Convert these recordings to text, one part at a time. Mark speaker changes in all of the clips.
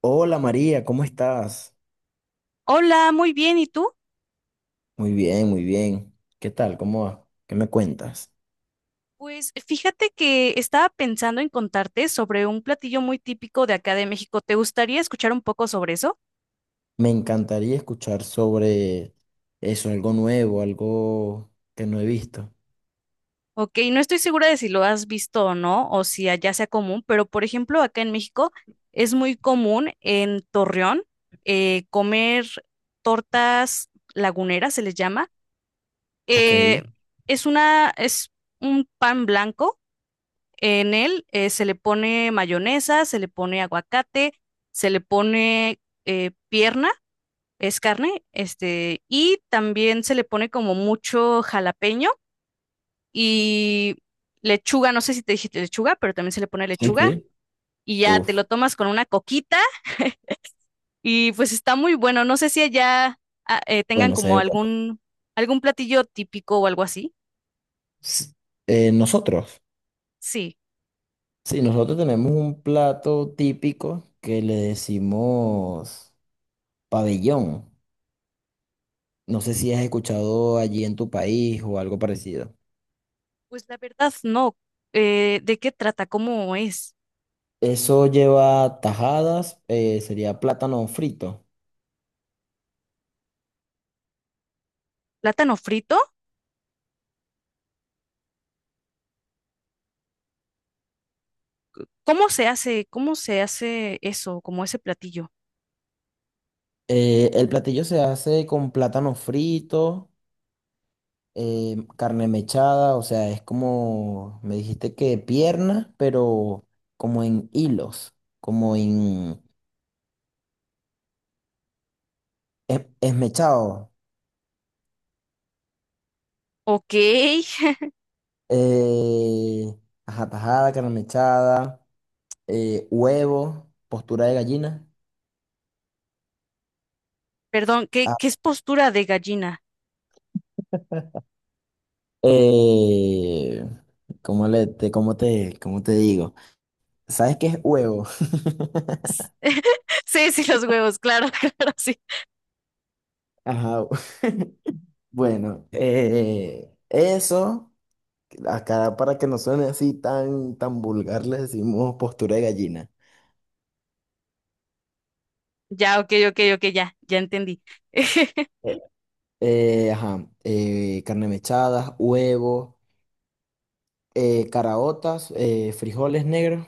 Speaker 1: Hola María, ¿cómo estás?
Speaker 2: Hola, muy bien. ¿Y tú?
Speaker 1: Muy bien, muy bien. ¿Qué tal? ¿Cómo va? ¿Qué me cuentas?
Speaker 2: Pues fíjate que estaba pensando en contarte sobre un platillo muy típico de acá de México. ¿Te gustaría escuchar un poco sobre eso?
Speaker 1: Me encantaría escuchar sobre eso, algo nuevo, algo que no he visto.
Speaker 2: Ok, no estoy segura de si lo has visto o no, o si allá sea común, pero por ejemplo, acá en México es muy común en Torreón comer tortas laguneras, se les llama.
Speaker 1: Ok.
Speaker 2: Eh,
Speaker 1: Sí,
Speaker 2: es un pan blanco. En él se le pone mayonesa, se le pone aguacate, se le pone pierna, es carne, este, y también se le pone como mucho jalapeño y lechuga, no sé si te dije lechuga, pero también se le pone lechuga,
Speaker 1: sí.
Speaker 2: y ya te
Speaker 1: Uf.
Speaker 2: lo tomas con una coquita y pues está muy bueno. No sé si allá tengan
Speaker 1: Bueno, se
Speaker 2: como
Speaker 1: ve bueno.
Speaker 2: algún platillo típico o algo así.
Speaker 1: S- Nosotros.
Speaker 2: Sí,
Speaker 1: Sí, nosotros tenemos un plato típico que le decimos pabellón. No sé si has escuchado allí en tu país o algo parecido.
Speaker 2: pues la verdad no. ¿De qué trata? ¿Cómo es?
Speaker 1: Eso lleva tajadas, sería plátano frito.
Speaker 2: ¿Plátano frito? Cómo se hace eso, como ese platillo?
Speaker 1: El platillo se hace con plátano frito, carne mechada, o sea, es como, me dijiste que pierna, pero como en hilos, como en esmechado.
Speaker 2: Ok.
Speaker 1: Eh, ajá, tajada, carne mechada, huevo, postura de gallina.
Speaker 2: Perdón, ¿qué,
Speaker 1: Ah,
Speaker 2: qué es postura de gallina?
Speaker 1: eh, ¿Cómo cómo cómo te digo? ¿Sabes qué es huevo?
Speaker 2: Sí, sí, los huevos, claro, claro, sí.
Speaker 1: Ajá, bueno, eso. Acá para que no suene así tan vulgar, le decimos postura de gallina.
Speaker 2: Ya, ok, ok, ok, ya, ya entendí.
Speaker 1: Eh, ajá, carne mechada, huevos, caraotas, frijoles negros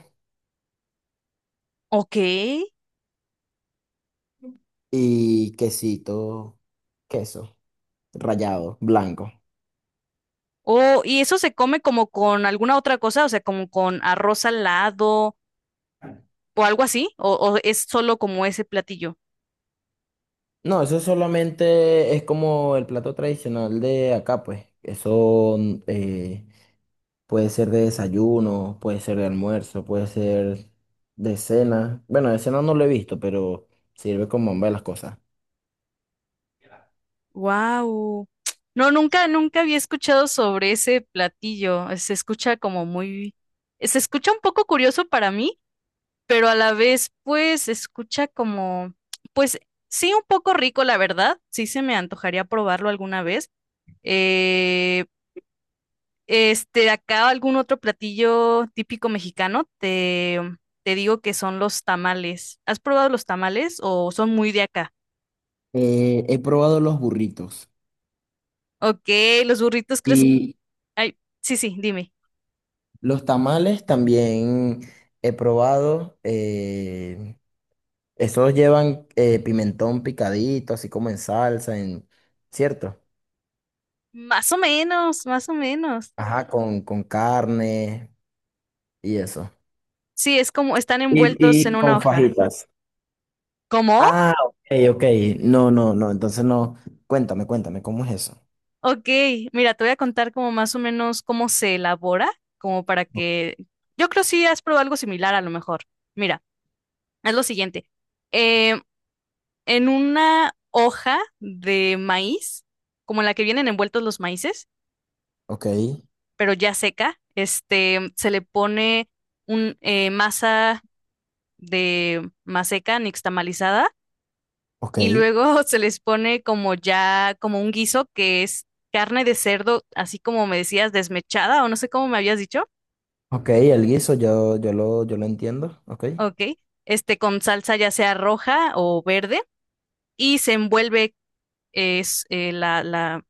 Speaker 2: Ok.
Speaker 1: y quesito, queso rallado, blanco.
Speaker 2: Oh, ¿y eso se come como con alguna otra cosa? O sea, como con arroz al lado o algo así, o es solo como ese platillo.
Speaker 1: No, eso solamente es como el plato tradicional de acá, pues. Eso eh, Puede ser de desayuno, puede ser de almuerzo, puede ser de cena. Bueno, de cena no lo he visto, pero sirve como ambas las cosas.
Speaker 2: Wow. No, nunca, nunca había escuchado sobre ese platillo. Se escucha como se escucha un poco curioso para mí, pero a la vez, pues, se escucha como, pues, sí, un poco rico, la verdad. Sí, se me antojaría probarlo alguna vez. Eh, este, acá algún otro platillo típico mexicano, te digo que son los tamales. ¿Has probado los tamales o son muy de acá?
Speaker 1: He probado los burritos
Speaker 2: Ok, los burritos, ¿crees?
Speaker 1: y
Speaker 2: Ay, sí, sí, dime.
Speaker 1: los tamales también he probado. Esos llevan pimentón picadito, así como en salsa, ¿cierto?
Speaker 2: Más o menos, más o menos.
Speaker 1: Ajá, con carne y eso.
Speaker 2: Sí, es como están
Speaker 1: Y,
Speaker 2: envueltos en
Speaker 1: y
Speaker 2: una
Speaker 1: con
Speaker 2: hoja.
Speaker 1: fajitas.
Speaker 2: ¿Cómo?
Speaker 1: Ah, ok, ok. No, no, no. Entonces no. Cuéntame, cuéntame, ¿cómo es eso?
Speaker 2: Ok, mira, te voy a contar como más o menos cómo se elabora, como para
Speaker 1: O-
Speaker 2: que... Yo creo si has probado algo similar a lo mejor. Mira, es lo siguiente. Eh, en una hoja de maíz, como en la que vienen envueltos los maíces,
Speaker 1: Ok,
Speaker 2: pero ya seca, este, se le pone un masa de maseca nixtamalizada,
Speaker 1: ok.
Speaker 2: y luego se les pone como ya, como un guiso que es carne de cerdo, así como me decías, desmechada o no sé cómo me habías dicho,
Speaker 1: Ok, el guiso yo lo entiendo. Ok,
Speaker 2: ok, este con salsa ya sea roja o verde y se envuelve es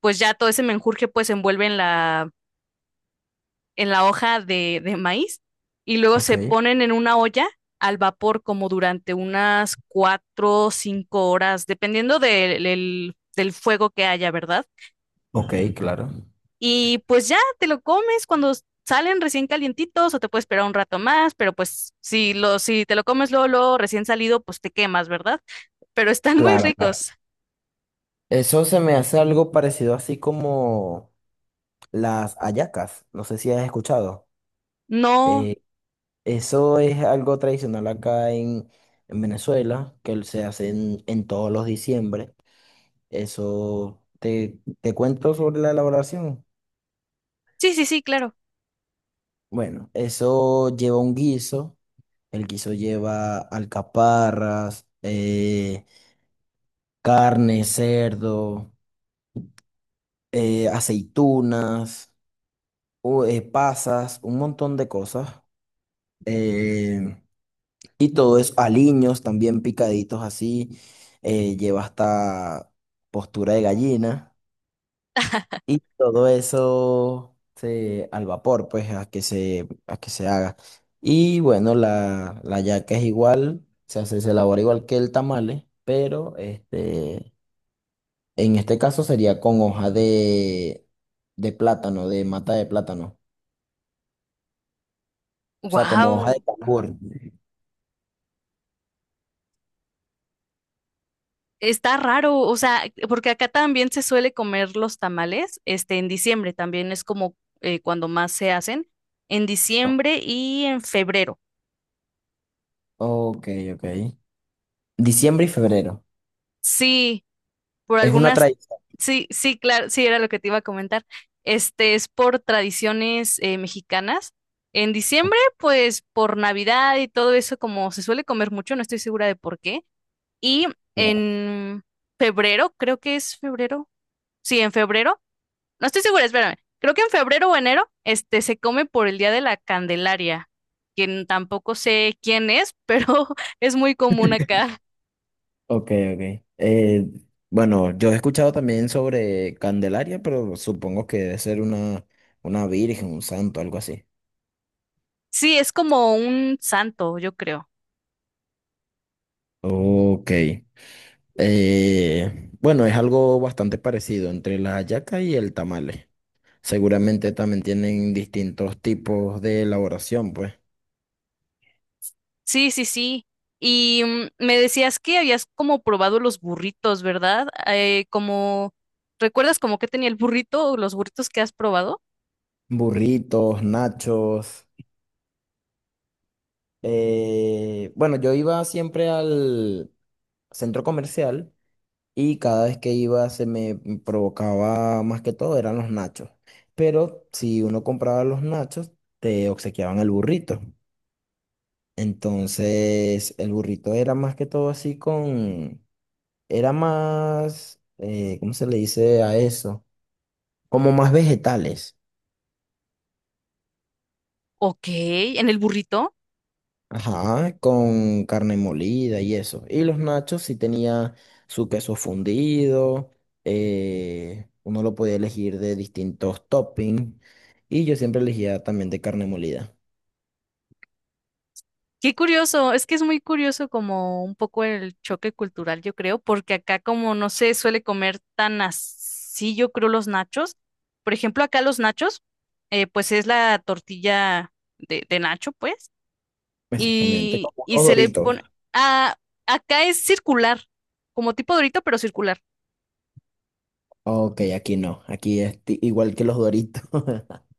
Speaker 2: pues ya todo ese menjurje pues se envuelve en en la hoja de maíz y luego
Speaker 1: ok,
Speaker 2: se ponen en una olla al vapor como durante unas cuatro o cinco horas, dependiendo del fuego que haya, ¿verdad?
Speaker 1: ok, claro.
Speaker 2: Y pues ya te lo comes cuando salen recién calientitos, o te puedes esperar un rato más, pero pues si te lo comes luego, luego recién salido, pues te quemas, ¿verdad? Pero están muy
Speaker 1: Claro, claro.
Speaker 2: ricos.
Speaker 1: Eso se me hace algo parecido así como las hallacas. No sé si has escuchado.
Speaker 2: No,
Speaker 1: Eh, eso es algo tradicional acá en Venezuela, que se hace en todos los diciembre. Te cuento sobre la elaboración.
Speaker 2: sí, sí, sí, claro.
Speaker 1: Bueno, eso lleva un guiso. El guiso lleva alcaparras, carne, cerdo, aceitunas, pasas, un montón de cosas. eh, y todo eso, aliños también picaditos así. Lleva hasta postura de gallina. Y todo eso se, al vapor, pues, a que a que se haga. Y bueno, la yaca es igual, se hace, se elabora igual que el tamale, pero este, en este caso sería con hoja de plátano, de mata de plátano. O sea, como hoja de. Ah,
Speaker 2: Wow,
Speaker 1: cambur.
Speaker 2: está raro, o sea, porque acá también se suele comer los tamales, este, en diciembre también es como cuando más se hacen, en diciembre y en febrero.
Speaker 1: Ok, ok. Diciembre y febrero.
Speaker 2: Sí, por
Speaker 1: Es una
Speaker 2: algunas,
Speaker 1: tradición.
Speaker 2: sí, sí, claro, sí, era lo que te iba a comentar. Este es por tradiciones mexicanas. En diciembre, pues por Navidad y todo eso, como se suele comer mucho, no estoy segura de por qué. Y en febrero, creo que es febrero. Sí, en febrero. No estoy segura, espérame. Creo que en febrero o enero, este se come por el Día de la Candelaria, quien tampoco sé quién es, pero es muy común acá.
Speaker 1: Ok, ok. Bueno, yo he escuchado también sobre Candelaria, pero supongo que debe ser una virgen, un santo, algo así.
Speaker 2: Sí, es como un santo, yo creo.
Speaker 1: Ok. Bueno, es algo bastante parecido entre la hallaca y el tamale. Seguramente también tienen distintos tipos de elaboración, pues.
Speaker 2: Sí, sí, sí. Y me decías que habías como probado los burritos, ¿verdad? ¿Recuerdas como que tenía el burrito o los burritos que has probado?
Speaker 1: Burritos, nachos. Bueno, yo iba siempre al centro comercial. Y cada vez que iba se me provocaba más que todo eran los nachos. Pero si uno compraba los nachos, te obsequiaban el burrito. Entonces el burrito era más que todo así con, era más, ¿cómo se le dice a eso? Como más vegetales.
Speaker 2: Ok, en el burrito.
Speaker 1: Ajá, con carne molida y eso. Y los nachos sí tenía su queso fundido, uno lo podía elegir de distintos toppings y yo siempre elegía también de carne molida.
Speaker 2: Qué curioso, es que es muy curioso como un poco el choque cultural, yo creo, porque acá como no se suele comer tan así, yo creo, los nachos. Por ejemplo, acá los nachos, pues es la tortilla de nacho, pues.
Speaker 1: Exactamente,
Speaker 2: Y,
Speaker 1: como
Speaker 2: y
Speaker 1: los
Speaker 2: se le
Speaker 1: Doritos.
Speaker 2: pone... Ah, acá es circular, como tipo Dorito, pero circular.
Speaker 1: Ok, aquí no, aquí es igual que los Doritos.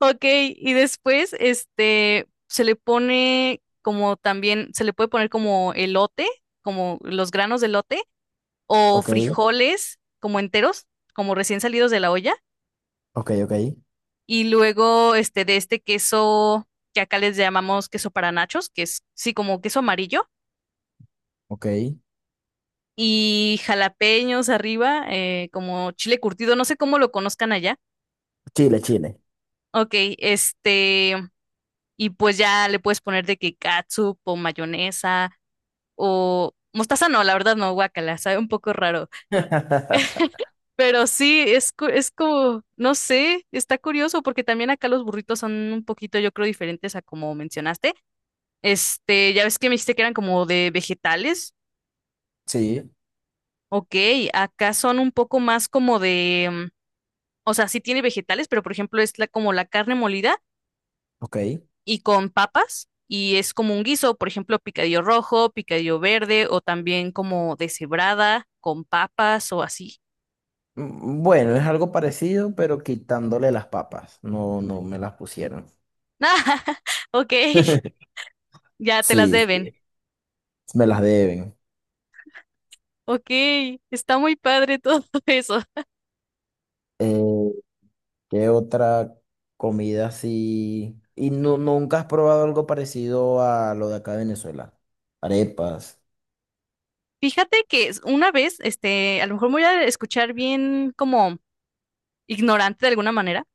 Speaker 2: Ok, y después este, se le pone como también, se le puede poner como elote, como los granos de elote, o
Speaker 1: Ok,
Speaker 2: frijoles como enteros, como recién salidos de la olla.
Speaker 1: ok, ok,
Speaker 2: Y luego este, de este queso que acá les llamamos queso para nachos, que es sí como queso amarillo.
Speaker 1: ok.
Speaker 2: Y jalapeños arriba, como chile curtido, no sé cómo lo conozcan allá.
Speaker 1: Chile, Chile.
Speaker 2: Ok, este, y pues ya le puedes poner de que catsup o mayonesa o mostaza, no, la verdad no, guacala, sabe un poco raro, pero sí, es como, no sé, está curioso porque también acá los burritos son un poquito, yo creo, diferentes a como mencionaste. Este, ya ves que me dijiste que eran como de vegetales,
Speaker 1: Sí,
Speaker 2: ok, acá son un poco más como de, mm, o sea, sí tiene vegetales, pero por ejemplo es como la carne molida
Speaker 1: ok.
Speaker 2: y con papas, y es como un guiso, por ejemplo, picadillo rojo, picadillo verde, o también como deshebrada con papas o así.
Speaker 1: Mm, bueno, es algo parecido, pero quitándole las papas. No, no me las pusieron.
Speaker 2: Ah, ok, ya te las
Speaker 1: Sí,
Speaker 2: deben.
Speaker 1: sí. Me las deben.
Speaker 2: Ok, está muy padre todo eso.
Speaker 1: Eh, ¿Qué otra comida así? Y no, nunca has probado algo parecido a lo de acá de Venezuela. Arepas.
Speaker 2: Fíjate que una vez, este, a lo mejor me voy a escuchar bien como ignorante de alguna manera,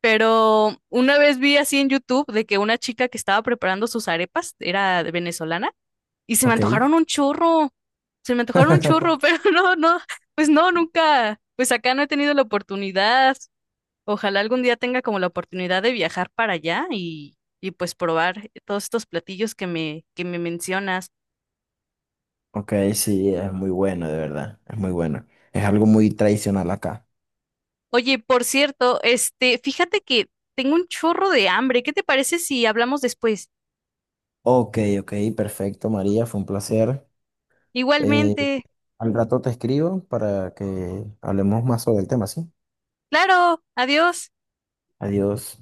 Speaker 2: pero una vez vi así en YouTube de que una chica que estaba preparando sus arepas, era de venezolana, y se me
Speaker 1: Ok.
Speaker 2: antojaron un churro, se me antojaron un churro, pero no, no, pues no, nunca, pues acá no he tenido la oportunidad. Ojalá algún día tenga como la oportunidad de viajar para allá y pues probar todos estos platillos que que me mencionas.
Speaker 1: Ok, sí, es muy bueno, de verdad. Es muy bueno. Es algo muy tradicional acá.
Speaker 2: Oye, por cierto, este, fíjate que tengo un chorro de hambre. ¿Qué te parece si hablamos después?
Speaker 1: Ok, ok, perfecto, María. Fue un placer. Eh,
Speaker 2: Igualmente.
Speaker 1: al rato te escribo para que hablemos más sobre el tema, ¿sí?
Speaker 2: Claro, adiós.
Speaker 1: Adiós.